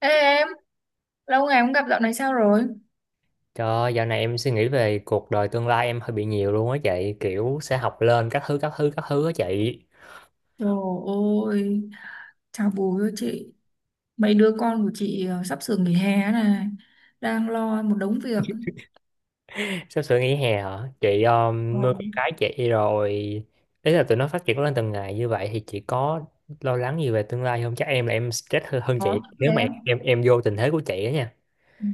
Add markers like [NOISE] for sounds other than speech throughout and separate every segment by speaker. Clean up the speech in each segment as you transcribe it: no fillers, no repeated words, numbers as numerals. Speaker 1: Ê em, lâu ngày không gặp dạo này sao rồi?
Speaker 2: Trời ơi, dạo này em suy nghĩ về cuộc đời tương lai em hơi bị nhiều luôn á chị, kiểu sẽ học lên các thứ các thứ các thứ á chị.
Speaker 1: Trời ơi, chào bùi ơi chị. Mấy đứa con của chị sắp sửa nghỉ hè này, đang lo một đống việc.
Speaker 2: Sắp sửa nghỉ hè hả chị?
Speaker 1: Ừ,
Speaker 2: Nuôi con cái chị rồi, ý là tụi nó phát triển lên từng ngày như vậy thì chị có lo lắng gì về tương lai không? Chắc em là em stress hơn
Speaker 1: khó
Speaker 2: chị
Speaker 1: lắm
Speaker 2: nếu mà em
Speaker 1: em.
Speaker 2: em, em vô tình thế của chị á nha.
Speaker 1: Ừ.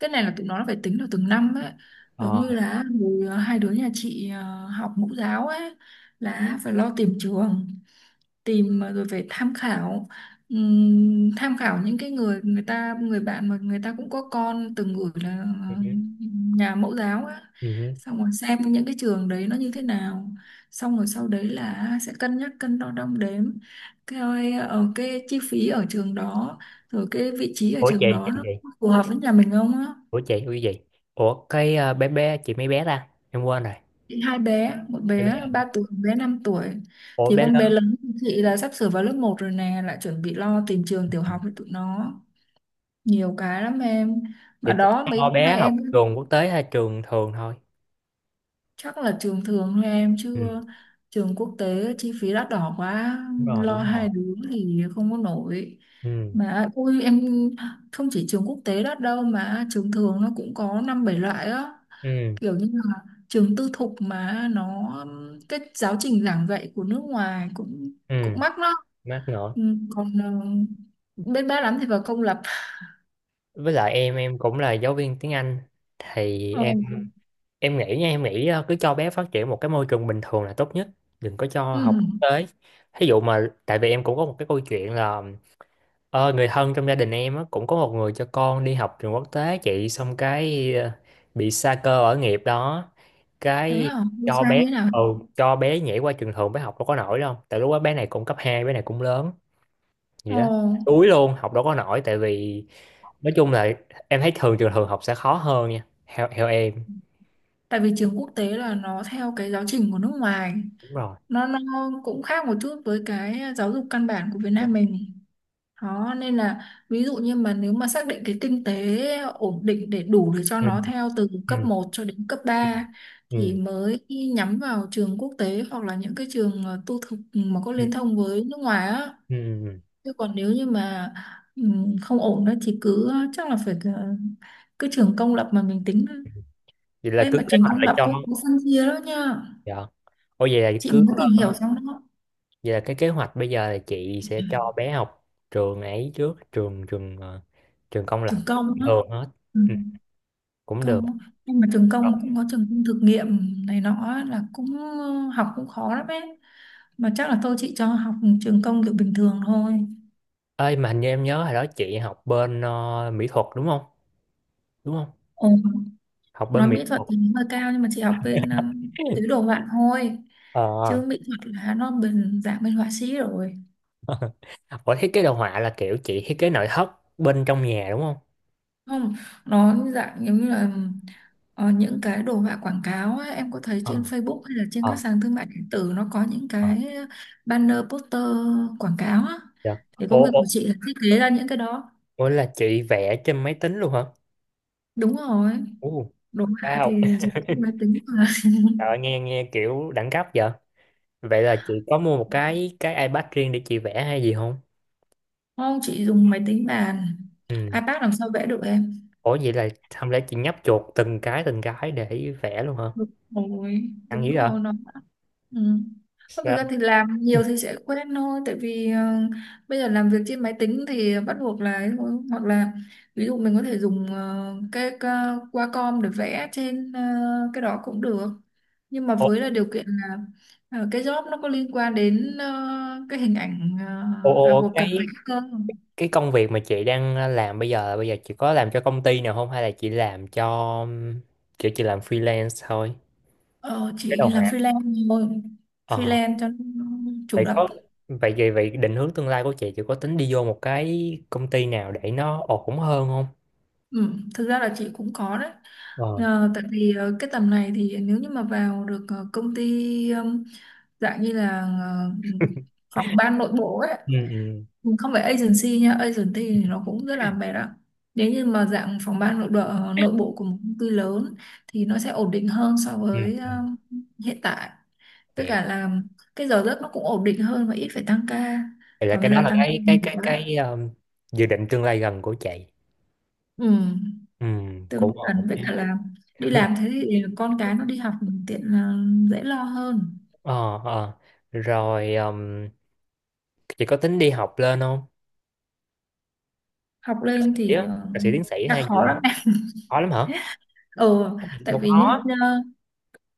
Speaker 1: Cái này là tụi nó phải tính được từng năm ấy. Giống như
Speaker 2: ờ.
Speaker 1: là hồi, hai đứa nhà chị học mẫu giáo ấy, là phải lo tìm trường, tìm mà rồi phải tham khảo, tham khảo những cái người người ta, người bạn mà người ta cũng có con từng gửi là
Speaker 2: ừ.
Speaker 1: nhà mẫu giáo á,
Speaker 2: ừ.
Speaker 1: xong rồi xem những cái trường đấy nó như thế nào, xong rồi sau đấy là sẽ cân nhắc, cân đo đong đếm cái ở cái chi phí ở trường đó, rồi cái vị trí ở
Speaker 2: ủa chị
Speaker 1: trường đó
Speaker 2: chị
Speaker 1: nó
Speaker 2: chị
Speaker 1: phù hợp với nhà mình không á.
Speaker 2: Ủa gì. Ủa cái bé bé chị, mấy bé ta em quên rồi.
Speaker 1: Hai bé, một
Speaker 2: Mấy bé
Speaker 1: bé
Speaker 2: à?
Speaker 1: 3 tuổi, một bé 5 tuổi,
Speaker 2: Ủa
Speaker 1: thì
Speaker 2: bé
Speaker 1: con
Speaker 2: lớn.
Speaker 1: bé lớn của chị là sắp sửa vào lớp một rồi nè, lại chuẩn bị lo tìm trường tiểu học cho tụi nó. Nhiều cái lắm em, mà đó mấy
Speaker 2: Cho
Speaker 1: bữa
Speaker 2: bé
Speaker 1: nay
Speaker 2: học
Speaker 1: em
Speaker 2: trường quốc tế hay trường thường thôi?
Speaker 1: chắc là trường thường thôi em,
Speaker 2: Ừ.
Speaker 1: chứ trường quốc tế chi phí đắt đỏ quá,
Speaker 2: Đúng rồi,
Speaker 1: lo
Speaker 2: đúng rồi.
Speaker 1: hai đứa thì không có nổi.
Speaker 2: Ừ.
Speaker 1: Mà ui em, không chỉ trường quốc tế đắt đâu mà trường thường nó cũng có năm bảy loại á,
Speaker 2: Ừ.
Speaker 1: kiểu như là trường tư thục mà nó cái giáo trình giảng dạy của nước ngoài cũng
Speaker 2: Ừ.
Speaker 1: cũng mắc đó.
Speaker 2: Mát nữa.
Speaker 1: Ừ, còn bên ba lắm thì vào công lập.
Speaker 2: Với lại em cũng là giáo viên tiếng Anh, thì
Speaker 1: Ồ,
Speaker 2: em. Em nghĩ nha, em nghĩ cứ cho bé phát triển một cái môi trường bình thường là tốt nhất, đừng có cho
Speaker 1: ừ,
Speaker 2: học quốc tế. Thí dụ mà, tại vì em cũng có một cái câu chuyện là, người thân trong gia đình em á, cũng có một người cho con đi học trường quốc tế chị, xong cái bị sa cơ ở nghiệp đó.
Speaker 1: thế
Speaker 2: Cái
Speaker 1: hả? Đi
Speaker 2: cho
Speaker 1: sai
Speaker 2: bé.
Speaker 1: như thế nào?
Speaker 2: Ừ, cho bé nhảy qua trường thường, bé học đâu có nổi đâu, tại lúc đó bé này cũng cấp hai, bé này cũng lớn gì
Speaker 1: Ồ,
Speaker 2: đó. Đuối luôn, học đâu có nổi, tại vì nói chung là em thấy thường trường thường học sẽ khó hơn nha, theo theo em.
Speaker 1: tại vì trường quốc tế là nó theo cái giáo trình của nước ngoài,
Speaker 2: Đúng rồi.
Speaker 1: nó cũng khác một chút với cái giáo dục căn bản của Việt
Speaker 2: Đúng
Speaker 1: Nam
Speaker 2: rồi.
Speaker 1: mình. Đó, nên là ví dụ như mà nếu mà xác định cái kinh tế ổn định để đủ để cho
Speaker 2: Ừ.
Speaker 1: nó theo từ cấp
Speaker 2: Ừ.
Speaker 1: một cho đến cấp 3 thì
Speaker 2: Ừ.
Speaker 1: mới nhắm vào trường quốc tế, hoặc là những cái trường tư thục mà có
Speaker 2: Ừ.
Speaker 1: liên thông với nước ngoài á.
Speaker 2: Ừ. Ừ.
Speaker 1: Chứ còn nếu như mà không ổn đó thì cứ chắc là phải cứ trường công lập mà mình tính.
Speaker 2: Vậy là
Speaker 1: Em
Speaker 2: cứ
Speaker 1: mà
Speaker 2: kế
Speaker 1: trường
Speaker 2: hoạch
Speaker 1: công
Speaker 2: là
Speaker 1: lập
Speaker 2: cho.
Speaker 1: cũng có phân chia đó nha.
Speaker 2: Dạ. Ôi vậy là
Speaker 1: Chị
Speaker 2: cứ
Speaker 1: mới tìm hiểu
Speaker 2: ờ,
Speaker 1: xong đó,
Speaker 2: vậy là cái kế hoạch bây giờ là chị sẽ cho bé học trường ấy trước, trường trường trường công
Speaker 1: trường
Speaker 2: lập
Speaker 1: công đó.
Speaker 2: thường hết.
Speaker 1: Ừ,
Speaker 2: Ừ, cũng được.
Speaker 1: công á. Nhưng mà trường
Speaker 2: Rồi.
Speaker 1: công cũng có trường công thực nghiệm này nọ á, là cũng học cũng khó lắm ấy, mà chắc là chị cho học trường công kiểu bình thường thôi.
Speaker 2: Ơi mà hình như em nhớ hồi đó chị học bên mỹ thuật đúng không? Đúng không?
Speaker 1: Ồ,
Speaker 2: Học
Speaker 1: nói
Speaker 2: bên mỹ
Speaker 1: mỹ thuật
Speaker 2: thuật.
Speaker 1: thì nó hơi cao, nhưng mà chị học bên tứ đồ
Speaker 2: [LAUGHS]
Speaker 1: họa thôi,
Speaker 2: ờ.
Speaker 1: chứ mỹ thuật là nó bên dạng bên họa sĩ rồi.
Speaker 2: [LAUGHS] Ủa, thiết kế đồ họa là kiểu chị thiết kế nội thất bên trong nhà đúng không?
Speaker 1: Không, nó dạng giống như là những cái đồ họa quảng cáo á, em có thấy
Speaker 2: ờ.
Speaker 1: trên Facebook hay là trên các
Speaker 2: ờ.
Speaker 1: sàn thương mại điện tử nó có những
Speaker 2: ờ.
Speaker 1: cái banner poster quảng cáo á.
Speaker 2: Dạ.
Speaker 1: Thì
Speaker 2: Ủa,
Speaker 1: công việc
Speaker 2: ủa,
Speaker 1: của chị là thiết kế ra những cái đó.
Speaker 2: ủa là chị vẽ trên máy tính luôn hả?
Speaker 1: Đúng rồi,
Speaker 2: Ồ.
Speaker 1: đồ họa
Speaker 2: Wow.
Speaker 1: thì dùng máy
Speaker 2: [LAUGHS]
Speaker 1: tính mà.
Speaker 2: Trời ơi, nghe nghe kiểu đẳng cấp vậy. Vậy là chị có mua một cái iPad riêng để chị vẽ hay gì không?
Speaker 1: [LAUGHS] Không, chị dùng máy tính bàn,
Speaker 2: Ừ.
Speaker 1: iPad làm sao vẽ được em.
Speaker 2: Ủa vậy là không lẽ chị nhấp chuột từng cái để vẽ luôn hả? Ăn
Speaker 1: Đúng
Speaker 2: dữ vậy?
Speaker 1: rồi nó, ừ. Còn thực ra
Speaker 2: Sao?
Speaker 1: thì làm nhiều thì sẽ quen thôi, tại vì bây giờ làm việc trên máy tính thì bắt buộc là ấy thôi. Hoặc là ví dụ mình có thể dùng cái Wacom để vẽ trên cái đó cũng được, nhưng mà
Speaker 2: Ủa,
Speaker 1: với là điều kiện là cái job nó có liên quan đến cái hình ảnh
Speaker 2: ủa, ủa,
Speaker 1: cần vẽ cơ.
Speaker 2: cái công việc mà chị đang làm bây giờ, bây giờ chị có làm cho công ty nào không, hay là chị làm cho, kiểu chị làm freelance thôi?
Speaker 1: Ờ,
Speaker 2: Cái
Speaker 1: chị
Speaker 2: đầu mà.
Speaker 1: làm freelance thôi,
Speaker 2: ờ.
Speaker 1: freelance cho nó chủ
Speaker 2: Vậy
Speaker 1: động.
Speaker 2: có, vậy vậy vậy định hướng tương lai của chị có tính đi vô một cái công ty nào để nó ổn hơn không?
Speaker 1: Ừ, thực ra là chị cũng có đấy.
Speaker 2: ờ.
Speaker 1: Tại vì cái tầm này thì nếu như mà vào được công ty dạng như là phòng ban nội bộ ấy,
Speaker 2: Ừ. Ừ.
Speaker 1: không phải agency nha, agency thì nó cũng rất là mệt đó. Nếu như mà dạng phòng ban nội bộ nội bộ của một công ty lớn thì nó sẽ ổn định hơn so
Speaker 2: Ừ.
Speaker 1: với hiện tại, với
Speaker 2: Hiểu.
Speaker 1: cả là cái giờ giấc nó cũng ổn định hơn và ít phải tăng ca,
Speaker 2: Vậy là
Speaker 1: còn
Speaker 2: cái
Speaker 1: bây
Speaker 2: đó
Speaker 1: giờ
Speaker 2: là
Speaker 1: tăng ca
Speaker 2: cái cái
Speaker 1: nhiều
Speaker 2: cái
Speaker 1: quá.
Speaker 2: cái um, dự định tương lai gần của chị.
Speaker 1: Ừ,
Speaker 2: Ừ.
Speaker 1: tương
Speaker 2: Cũng
Speaker 1: gần
Speaker 2: ổn
Speaker 1: với cả
Speaker 2: nha.
Speaker 1: là đi làm thế thì con cái nó đi học tiện, là dễ lo hơn.
Speaker 2: ờ. ờ. Rồi chị có tính đi học lên không?
Speaker 1: Học lên thì
Speaker 2: Dạ. Thạc sĩ tiến sĩ
Speaker 1: đã
Speaker 2: hay gì
Speaker 1: khó
Speaker 2: không?
Speaker 1: lắm em.
Speaker 2: Khó lắm hả?
Speaker 1: [LAUGHS] Ừ, tại
Speaker 2: Không
Speaker 1: vì
Speaker 2: khó.
Speaker 1: như ờ,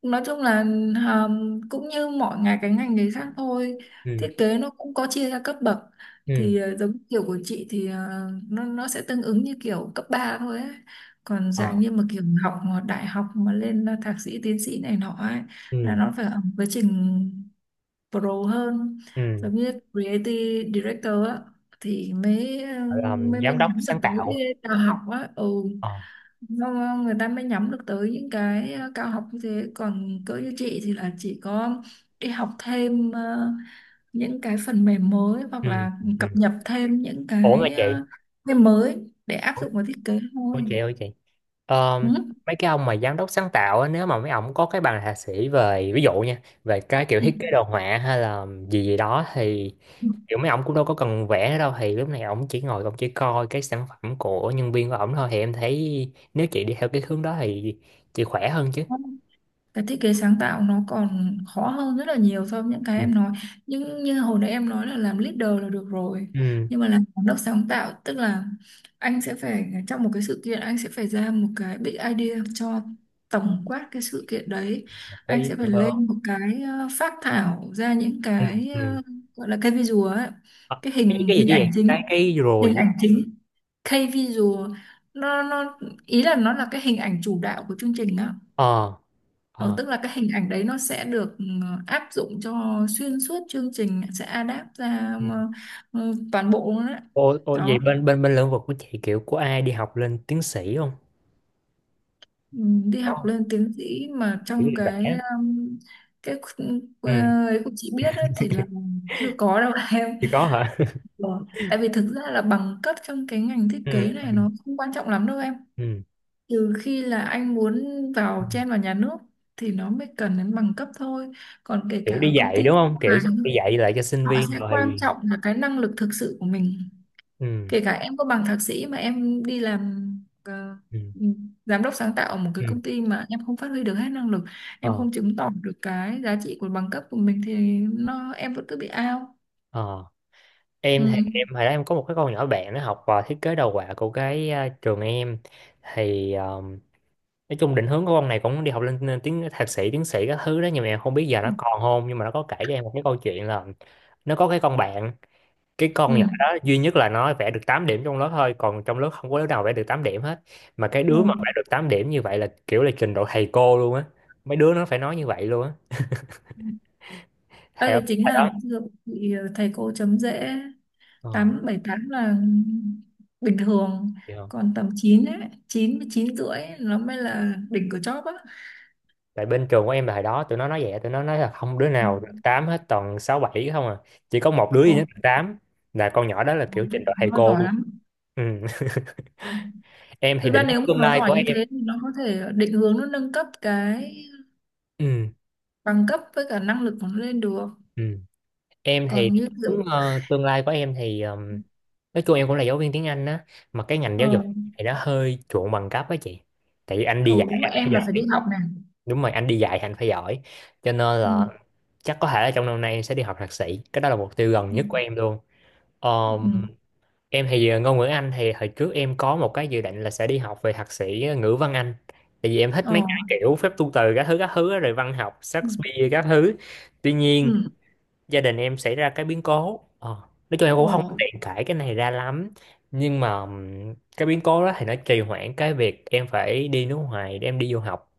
Speaker 1: nói chung là ờ, cũng như mọi ngành, cái ngành nghề khác thôi, thiết
Speaker 2: Ừ.
Speaker 1: kế nó cũng có chia ra cấp bậc,
Speaker 2: Ừ.
Speaker 1: thì giống kiểu của chị thì nó sẽ tương ứng như kiểu cấp 3 thôi ấy. Còn dạng
Speaker 2: ờ.
Speaker 1: như mà kiểu học mà đại học mà lên thạc sĩ tiến sĩ này nọ ấy là
Speaker 2: Ừ.
Speaker 1: nó phải ở một quá trình pro hơn,
Speaker 2: Ừ.
Speaker 1: giống như creative director á, thì mới
Speaker 2: Gọi là
Speaker 1: mới mới
Speaker 2: giám đốc
Speaker 1: nhắm được
Speaker 2: sáng
Speaker 1: tới cái
Speaker 2: tạo.
Speaker 1: cao học á. Ừ,
Speaker 2: ờ.
Speaker 1: nó, người ta mới nhắm được tới những cái cao học như thế, còn cỡ như chị thì là chỉ có đi học thêm những cái phần mềm mới, hoặc
Speaker 2: Ừ.
Speaker 1: là cập
Speaker 2: Ừ.
Speaker 1: nhật thêm những
Speaker 2: ủa mà
Speaker 1: cái
Speaker 2: chị
Speaker 1: cái mới để áp
Speaker 2: ủa
Speaker 1: dụng vào thiết kế
Speaker 2: ủa
Speaker 1: thôi.
Speaker 2: chị ơi chị. Ờ,
Speaker 1: Ừ.
Speaker 2: mấy cái ông mà giám đốc sáng tạo á, nếu mà mấy ông có cái bằng thạc sĩ về, ví dụ nha, về cái kiểu
Speaker 1: Ừ.
Speaker 2: thiết kế đồ họa hay là gì gì đó thì kiểu mấy ông cũng đâu có cần vẽ đâu, thì lúc này ông chỉ ngồi ông chỉ coi cái sản phẩm của nhân viên của ổng thôi, thì em thấy nếu chị đi theo cái hướng đó thì chị khỏe hơn chứ.
Speaker 1: Ừ. Cái thiết kế sáng tạo nó còn khó hơn rất là nhiều so với những cái
Speaker 2: Ừ.
Speaker 1: em nói, nhưng như hồi nãy em nói là làm leader là được rồi,
Speaker 2: Ừ.
Speaker 1: nhưng mà làm giám đốc sáng tạo tức là anh sẽ phải trong một cái sự kiện anh sẽ phải ra một cái big idea cho tổng quát cái sự kiện đấy.
Speaker 2: Có
Speaker 1: Anh
Speaker 2: ý
Speaker 1: sẽ phải
Speaker 2: tưởng hơn.
Speaker 1: lên một cái phác thảo ra những
Speaker 2: Ừ.
Speaker 1: cái
Speaker 2: Ừ.
Speaker 1: gọi là cái visual ấy,
Speaker 2: Ờ,
Speaker 1: cái hình
Speaker 2: cái gì
Speaker 1: hình
Speaker 2: chứ vậy
Speaker 1: ảnh chính,
Speaker 2: cái rồi
Speaker 1: hình
Speaker 2: với-
Speaker 1: ảnh chính, K visual, nó ý là nó là cái hình ảnh chủ đạo của chương trình đó.
Speaker 2: ờ.
Speaker 1: Ờ,
Speaker 2: ờ.
Speaker 1: tức là cái hình ảnh đấy nó sẽ được áp dụng cho xuyên suốt chương trình, sẽ adapt ra
Speaker 2: Ừ.
Speaker 1: ừ, toàn bộ luôn đấy.
Speaker 2: Ô, ô
Speaker 1: Đó,
Speaker 2: vậy bên bên bên lĩnh vực của chị kiểu của ai đi học lên tiến sĩ không?
Speaker 1: ừ, đi
Speaker 2: Có
Speaker 1: học
Speaker 2: không?
Speaker 1: lên tiến sĩ mà
Speaker 2: Kiểu
Speaker 1: trong
Speaker 2: đi
Speaker 1: cái
Speaker 2: vẽ.
Speaker 1: um, cái khu- ờ,
Speaker 2: Ừ.
Speaker 1: ấy của chị biết ấy, thì là
Speaker 2: [LAUGHS]
Speaker 1: chưa có đâu [LAUGHS] em.
Speaker 2: Chỉ có hả?
Speaker 1: Ờ, tại vì thực ra là bằng cấp trong cái ngành thiết kế
Speaker 2: Ừ.
Speaker 1: này nó không quan trọng lắm đâu em.
Speaker 2: Ừ.
Speaker 1: Trừ khi là anh muốn
Speaker 2: Ừ.
Speaker 1: vào, chen vào nhà nước thì nó mới cần đến bằng cấp thôi. Còn kể cả
Speaker 2: Kiểu đi
Speaker 1: ở công
Speaker 2: dạy
Speaker 1: ty
Speaker 2: đúng không, kiểu đi dạy lại cho sinh
Speaker 1: họ
Speaker 2: viên
Speaker 1: sẽ
Speaker 2: rồi
Speaker 1: quan
Speaker 2: thì-
Speaker 1: trọng là cái năng lực thực sự của mình.
Speaker 2: Ừ.
Speaker 1: Kể cả em có bằng thạc sĩ mà em đi làm ờ,
Speaker 2: Ừ.
Speaker 1: giám đốc sáng tạo ở một cái
Speaker 2: Ừ.
Speaker 1: công ty mà em không phát huy được hết năng lực, em
Speaker 2: ờ.
Speaker 1: không chứng tỏ được cái giá trị của bằng cấp của mình thì nó em vẫn cứ bị out.
Speaker 2: ờ. Em thì
Speaker 1: Ừ.
Speaker 2: em hồi đó em có một cái con nhỏ bạn nó học vào thiết kế đồ họa của cái à, trường em, thì nói chung định hướng của con này cũng đi học lên tiếng thạc sĩ tiến sĩ các thứ đó, nhưng mà em không biết giờ
Speaker 1: Ừ.
Speaker 2: nó còn không, nhưng mà nó có kể cho em một cái câu chuyện là nó có cái con bạn, cái con nhỏ
Speaker 1: Ừ.
Speaker 2: đó duy nhất là nó vẽ được 8 điểm trong lớp thôi, còn trong lớp không có đứa nào vẽ được 8 điểm hết. Mà cái đứa mà
Speaker 1: Ừ.
Speaker 2: vẽ được 8 điểm như vậy là kiểu là trình độ thầy cô luôn á, mấy đứa nó phải nói như vậy luôn á,
Speaker 1: Đây
Speaker 2: thầy không
Speaker 1: là chính
Speaker 2: thầy
Speaker 1: là ngày
Speaker 2: đó.
Speaker 1: xưa bị thầy cô chấm dễ,
Speaker 2: ờ.
Speaker 1: 8 7 8 là bình thường,
Speaker 2: Hiểu không?
Speaker 1: còn tầm 9 ấy, 9 9 rưỡi ấy, nó mới là đỉnh của chóp á.
Speaker 2: Tại bên trường của em là hồi đó tụi nó nói vậy, tụi nó nói là không đứa
Speaker 1: Ừ.
Speaker 2: nào được 8 hết, toàn 6 7 không à, chỉ có một đứa
Speaker 1: Ồ.
Speaker 2: duy nhất được 8, là con nhỏ đó là
Speaker 1: Nó
Speaker 2: kiểu
Speaker 1: thật
Speaker 2: trình độ
Speaker 1: là
Speaker 2: thầy
Speaker 1: nó
Speaker 2: cô
Speaker 1: giỏi
Speaker 2: luôn.
Speaker 1: lắm.
Speaker 2: Ừ, em thì
Speaker 1: Thực ra
Speaker 2: định hướng
Speaker 1: nếu mà
Speaker 2: tương
Speaker 1: nó
Speaker 2: lai
Speaker 1: giỏi
Speaker 2: của
Speaker 1: như
Speaker 2: em.
Speaker 1: thế thì nó có thể định hướng nó nâng cấp cái
Speaker 2: Ừ.
Speaker 1: bằng cấp với cả năng lực của nó lên được.
Speaker 2: Ừ. Em thì
Speaker 1: Còn
Speaker 2: định
Speaker 1: như kiểu
Speaker 2: hướng tương lai của em thì nói chung em cũng là giáo viên tiếng Anh á, mà cái ngành giáo
Speaker 1: ờ,
Speaker 2: dục thì nó hơi chuộng bằng cấp á chị, tại vì anh đi dạy
Speaker 1: ừ, đúng rồi
Speaker 2: anh phải
Speaker 1: em là
Speaker 2: giỏi.
Speaker 1: phải đi học này.
Speaker 2: Đúng rồi, anh đi dạy thì anh phải giỏi, cho nên là
Speaker 1: Ừ.
Speaker 2: chắc có thể là trong năm nay em sẽ đi học thạc sĩ, cái đó là mục tiêu gần
Speaker 1: Ừ.
Speaker 2: nhất của em luôn.
Speaker 1: Ừ.
Speaker 2: Em thì ngôn ngữ Anh thì hồi trước em có một cái dự định là sẽ đi học về thạc sĩ ngữ văn Anh. Tại vì em thích
Speaker 1: Ờ.
Speaker 2: mấy cái kiểu phép tu từ các thứ á, rồi văn học
Speaker 1: Ừ.
Speaker 2: Shakespeare các thứ. Tuy nhiên
Speaker 1: Ừ.
Speaker 2: gia đình em xảy ra cái biến cố. Ờ, nói chung em cũng không
Speaker 1: Ờ.
Speaker 2: có tiện cãi cái này ra lắm. Nhưng mà cái biến cố đó thì nó trì hoãn cái việc em phải đi nước ngoài để em đi du học.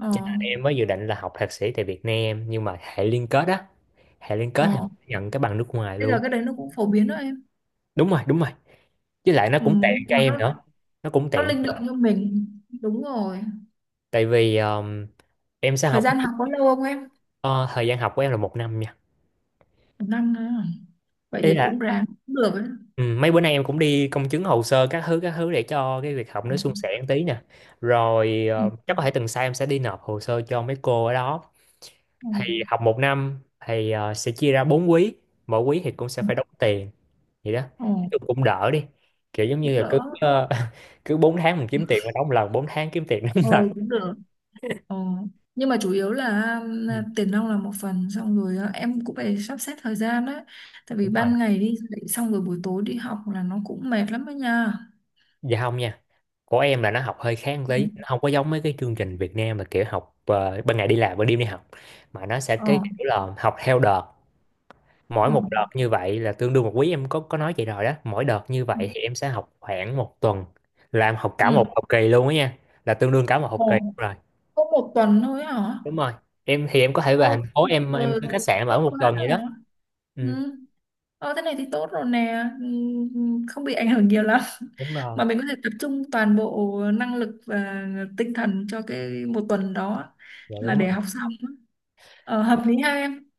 Speaker 1: Ờ.
Speaker 2: Cho nên em mới dự định là học thạc sĩ tại Việt Nam, nhưng mà hệ liên kết á, hệ liên kết thì
Speaker 1: Ờ.
Speaker 2: nhận cái bằng nước ngoài
Speaker 1: Bây giờ
Speaker 2: luôn.
Speaker 1: cái đấy nó cũng phổ biến đó em.
Speaker 2: Đúng rồi, đúng rồi. Với lại nó
Speaker 1: Ừ.
Speaker 2: cũng tiện cho
Speaker 1: Mà
Speaker 2: em
Speaker 1: Nó,
Speaker 2: nữa, nó cũng
Speaker 1: nó
Speaker 2: tiện,
Speaker 1: linh động như mình. Đúng rồi.
Speaker 2: tại vì em sẽ
Speaker 1: Thời
Speaker 2: học
Speaker 1: gian học có lâu không em?
Speaker 2: ờ, thời gian học của em là một năm nha.
Speaker 1: Một năm nữa à? Vậy
Speaker 2: Ý
Speaker 1: thì cũng
Speaker 2: là
Speaker 1: ráng cũng được ấy.
Speaker 2: ừ, mấy bữa nay em cũng đi công chứng hồ sơ các thứ để cho cái việc học
Speaker 1: Ừ.
Speaker 2: nó suôn sẻ một tí nè, rồi
Speaker 1: Ừ.
Speaker 2: chắc có thể tuần sau em sẽ đi nộp hồ sơ cho mấy cô ở đó.
Speaker 1: Ừ.
Speaker 2: Thì học một năm thì sẽ chia ra bốn quý, mỗi quý thì cũng sẽ
Speaker 1: Ừ.
Speaker 2: phải đóng tiền, vậy đó.
Speaker 1: Ừ,
Speaker 2: Nói chung cũng đỡ đi, kiểu giống
Speaker 1: cũng
Speaker 2: như là cứ
Speaker 1: đỡ.
Speaker 2: [LAUGHS] cứ 4 tháng mình kiếm tiền mình đóng một lần, 4 tháng kiếm tiền đóng một
Speaker 1: Ờ,
Speaker 2: lần.
Speaker 1: cũng được. Ờ, nhưng mà chủ yếu là
Speaker 2: Ừ,
Speaker 1: tiền nong là một phần, xong rồi em cũng phải sắp xếp thời gian đấy, tại vì
Speaker 2: đúng rồi.
Speaker 1: ban ngày đi dạy xong rồi buổi tối đi học là nó cũng mệt lắm đó nha.
Speaker 2: Dạ không nha, của em là nó học hơi khác một
Speaker 1: Ừ.
Speaker 2: tí, nó không có giống mấy cái chương trình Việt Nam mà kiểu học ban ngày đi làm ban đêm đi học, mà nó sẽ cái
Speaker 1: Ờ.
Speaker 2: kiểu là học theo đợt. Mỗi
Speaker 1: Ờ.
Speaker 2: một đợt như vậy là tương đương một quý, em có nói vậy rồi đó, mỗi đợt như
Speaker 1: Ừ.
Speaker 2: vậy thì em sẽ học khoảng một tuần, làm học cả
Speaker 1: Ừ.
Speaker 2: một học kỳ luôn á nha, là tương đương cả một học kỳ
Speaker 1: Ồ,
Speaker 2: rồi.
Speaker 1: có một tuần thôi hả?
Speaker 2: Đúng rồi, em thì em có thể về
Speaker 1: Ô,
Speaker 2: thành phố,
Speaker 1: thì
Speaker 2: em
Speaker 1: trời,
Speaker 2: thuê khách sạn ở
Speaker 1: tốt
Speaker 2: một
Speaker 1: quá
Speaker 2: tuần vậy
Speaker 1: rồi
Speaker 2: đó.
Speaker 1: đó.
Speaker 2: Ừ,
Speaker 1: Ừ. Ờ, thế này thì tốt rồi nè. Ừ, ừ, không bị ảnh hưởng nhiều lắm. [LAUGHS]
Speaker 2: đúng rồi.
Speaker 1: Mà mình có thể tập trung toàn bộ năng lực và tinh thần cho cái một tuần đó
Speaker 2: Dạ
Speaker 1: là
Speaker 2: đúng.
Speaker 1: để học xong á. Hợp lý ha em.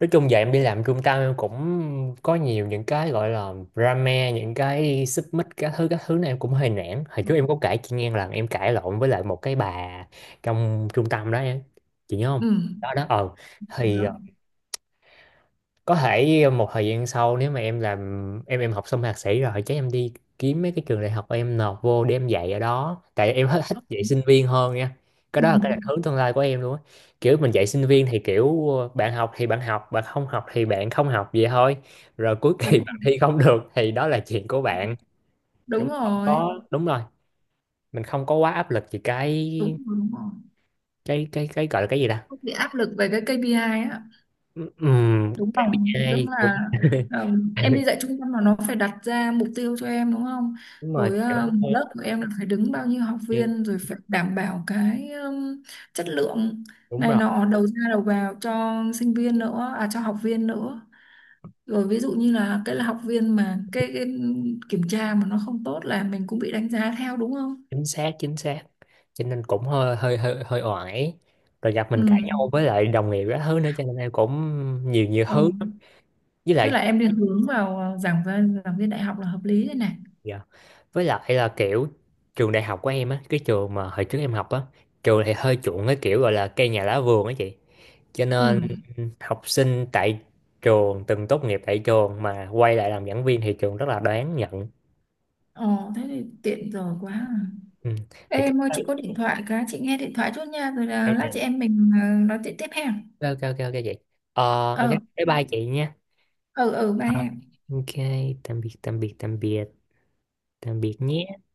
Speaker 2: Nói chung giờ em đi làm trung tâm em cũng có nhiều những cái gọi là drama, những cái xích mích các thứ này, em cũng hơi nản. Hồi trước em có kể chị nghe là em cãi lộn với lại một cái bà trong trung tâm đó em, chị nhớ không?
Speaker 1: Ừ,
Speaker 2: Đó đó. ờ. Thì
Speaker 1: nhớ.
Speaker 2: ờ, có thể một thời gian sau nếu mà em làm, em học xong thạc sĩ rồi chắc em đi kiếm mấy cái trường đại học em nộp vô để em dạy ở đó, tại em [LAUGHS] hết thích dạy sinh viên hơn nha. Cái
Speaker 1: Ừ.
Speaker 2: đó là cái định hướng tương lai của em luôn á, kiểu mình dạy sinh viên thì kiểu bạn học thì bạn học, bạn không học thì bạn không học vậy thôi, rồi cuối
Speaker 1: Đúng
Speaker 2: kỳ [LAUGHS] bạn
Speaker 1: rồi.
Speaker 2: thi không được thì đó là chuyện của bạn.
Speaker 1: Đúng
Speaker 2: Chúng không
Speaker 1: rồi,
Speaker 2: có, đúng rồi, mình không có quá áp lực gì,
Speaker 1: đúng rồi, đúng rồi,
Speaker 2: cái gọi là cái gì ta.
Speaker 1: không bị áp lực về cái KPI á,
Speaker 2: Ừm,
Speaker 1: đúng không, tức
Speaker 2: ai
Speaker 1: là
Speaker 2: cũng [LAUGHS]
Speaker 1: em đi dạy trung tâm là nó phải đặt ra mục tiêu cho em đúng không,
Speaker 2: đúng rồi,
Speaker 1: rồi
Speaker 2: kiểu
Speaker 1: lớp của em là phải đứng bao nhiêu học
Speaker 2: như
Speaker 1: viên, rồi phải đảm bảo cái chất lượng
Speaker 2: đúng
Speaker 1: này
Speaker 2: rồi.
Speaker 1: nọ, đầu ra đầu vào cho sinh viên nữa, à cho học viên nữa, rồi ví dụ như là cái là học viên mà cái kiểm tra mà nó không tốt là mình cũng bị đánh giá theo, đúng không.
Speaker 2: Chính xác, chính xác, cho nên cũng hơi hơi hơi hơi oải, rồi gặp
Speaker 1: Ừ.
Speaker 2: mình cãi nhau với lại đồng nghiệp các thứ nữa, cho nên em cũng nhiều nhiều thứ
Speaker 1: Ừ.
Speaker 2: lắm. Với
Speaker 1: Thế là
Speaker 2: lại.
Speaker 1: em đi hướng vào giảng viên, giảng viên đại học là hợp lý đây này.
Speaker 2: Dạ. Với lại là kiểu trường đại học của em á, cái trường mà hồi trước em học á, trường thì hơi chuộng cái kiểu gọi là cây nhà lá vườn á chị, cho
Speaker 1: Ừ.
Speaker 2: nên học sinh tại trường, từng tốt nghiệp tại trường mà quay lại làm giảng viên thì trường rất là đáng nhận.
Speaker 1: Ồ, thế thì tiện rồi quá à.
Speaker 2: Ừ.
Speaker 1: Ê,
Speaker 2: Thì cái,
Speaker 1: em ơi, chị có điện thoại cái, chị nghe điện thoại chút nha, rồi là lát chị em mình nói chuyện tiếp ha.
Speaker 2: ok ok ok ok chị. ờ. Ok.
Speaker 1: Ờ,
Speaker 2: Bye bye chị nha.
Speaker 1: ừ, ừ, ba em.
Speaker 2: Ok, tạm biệt, tạm biệt, tạm biệt, tạm biệt nhé.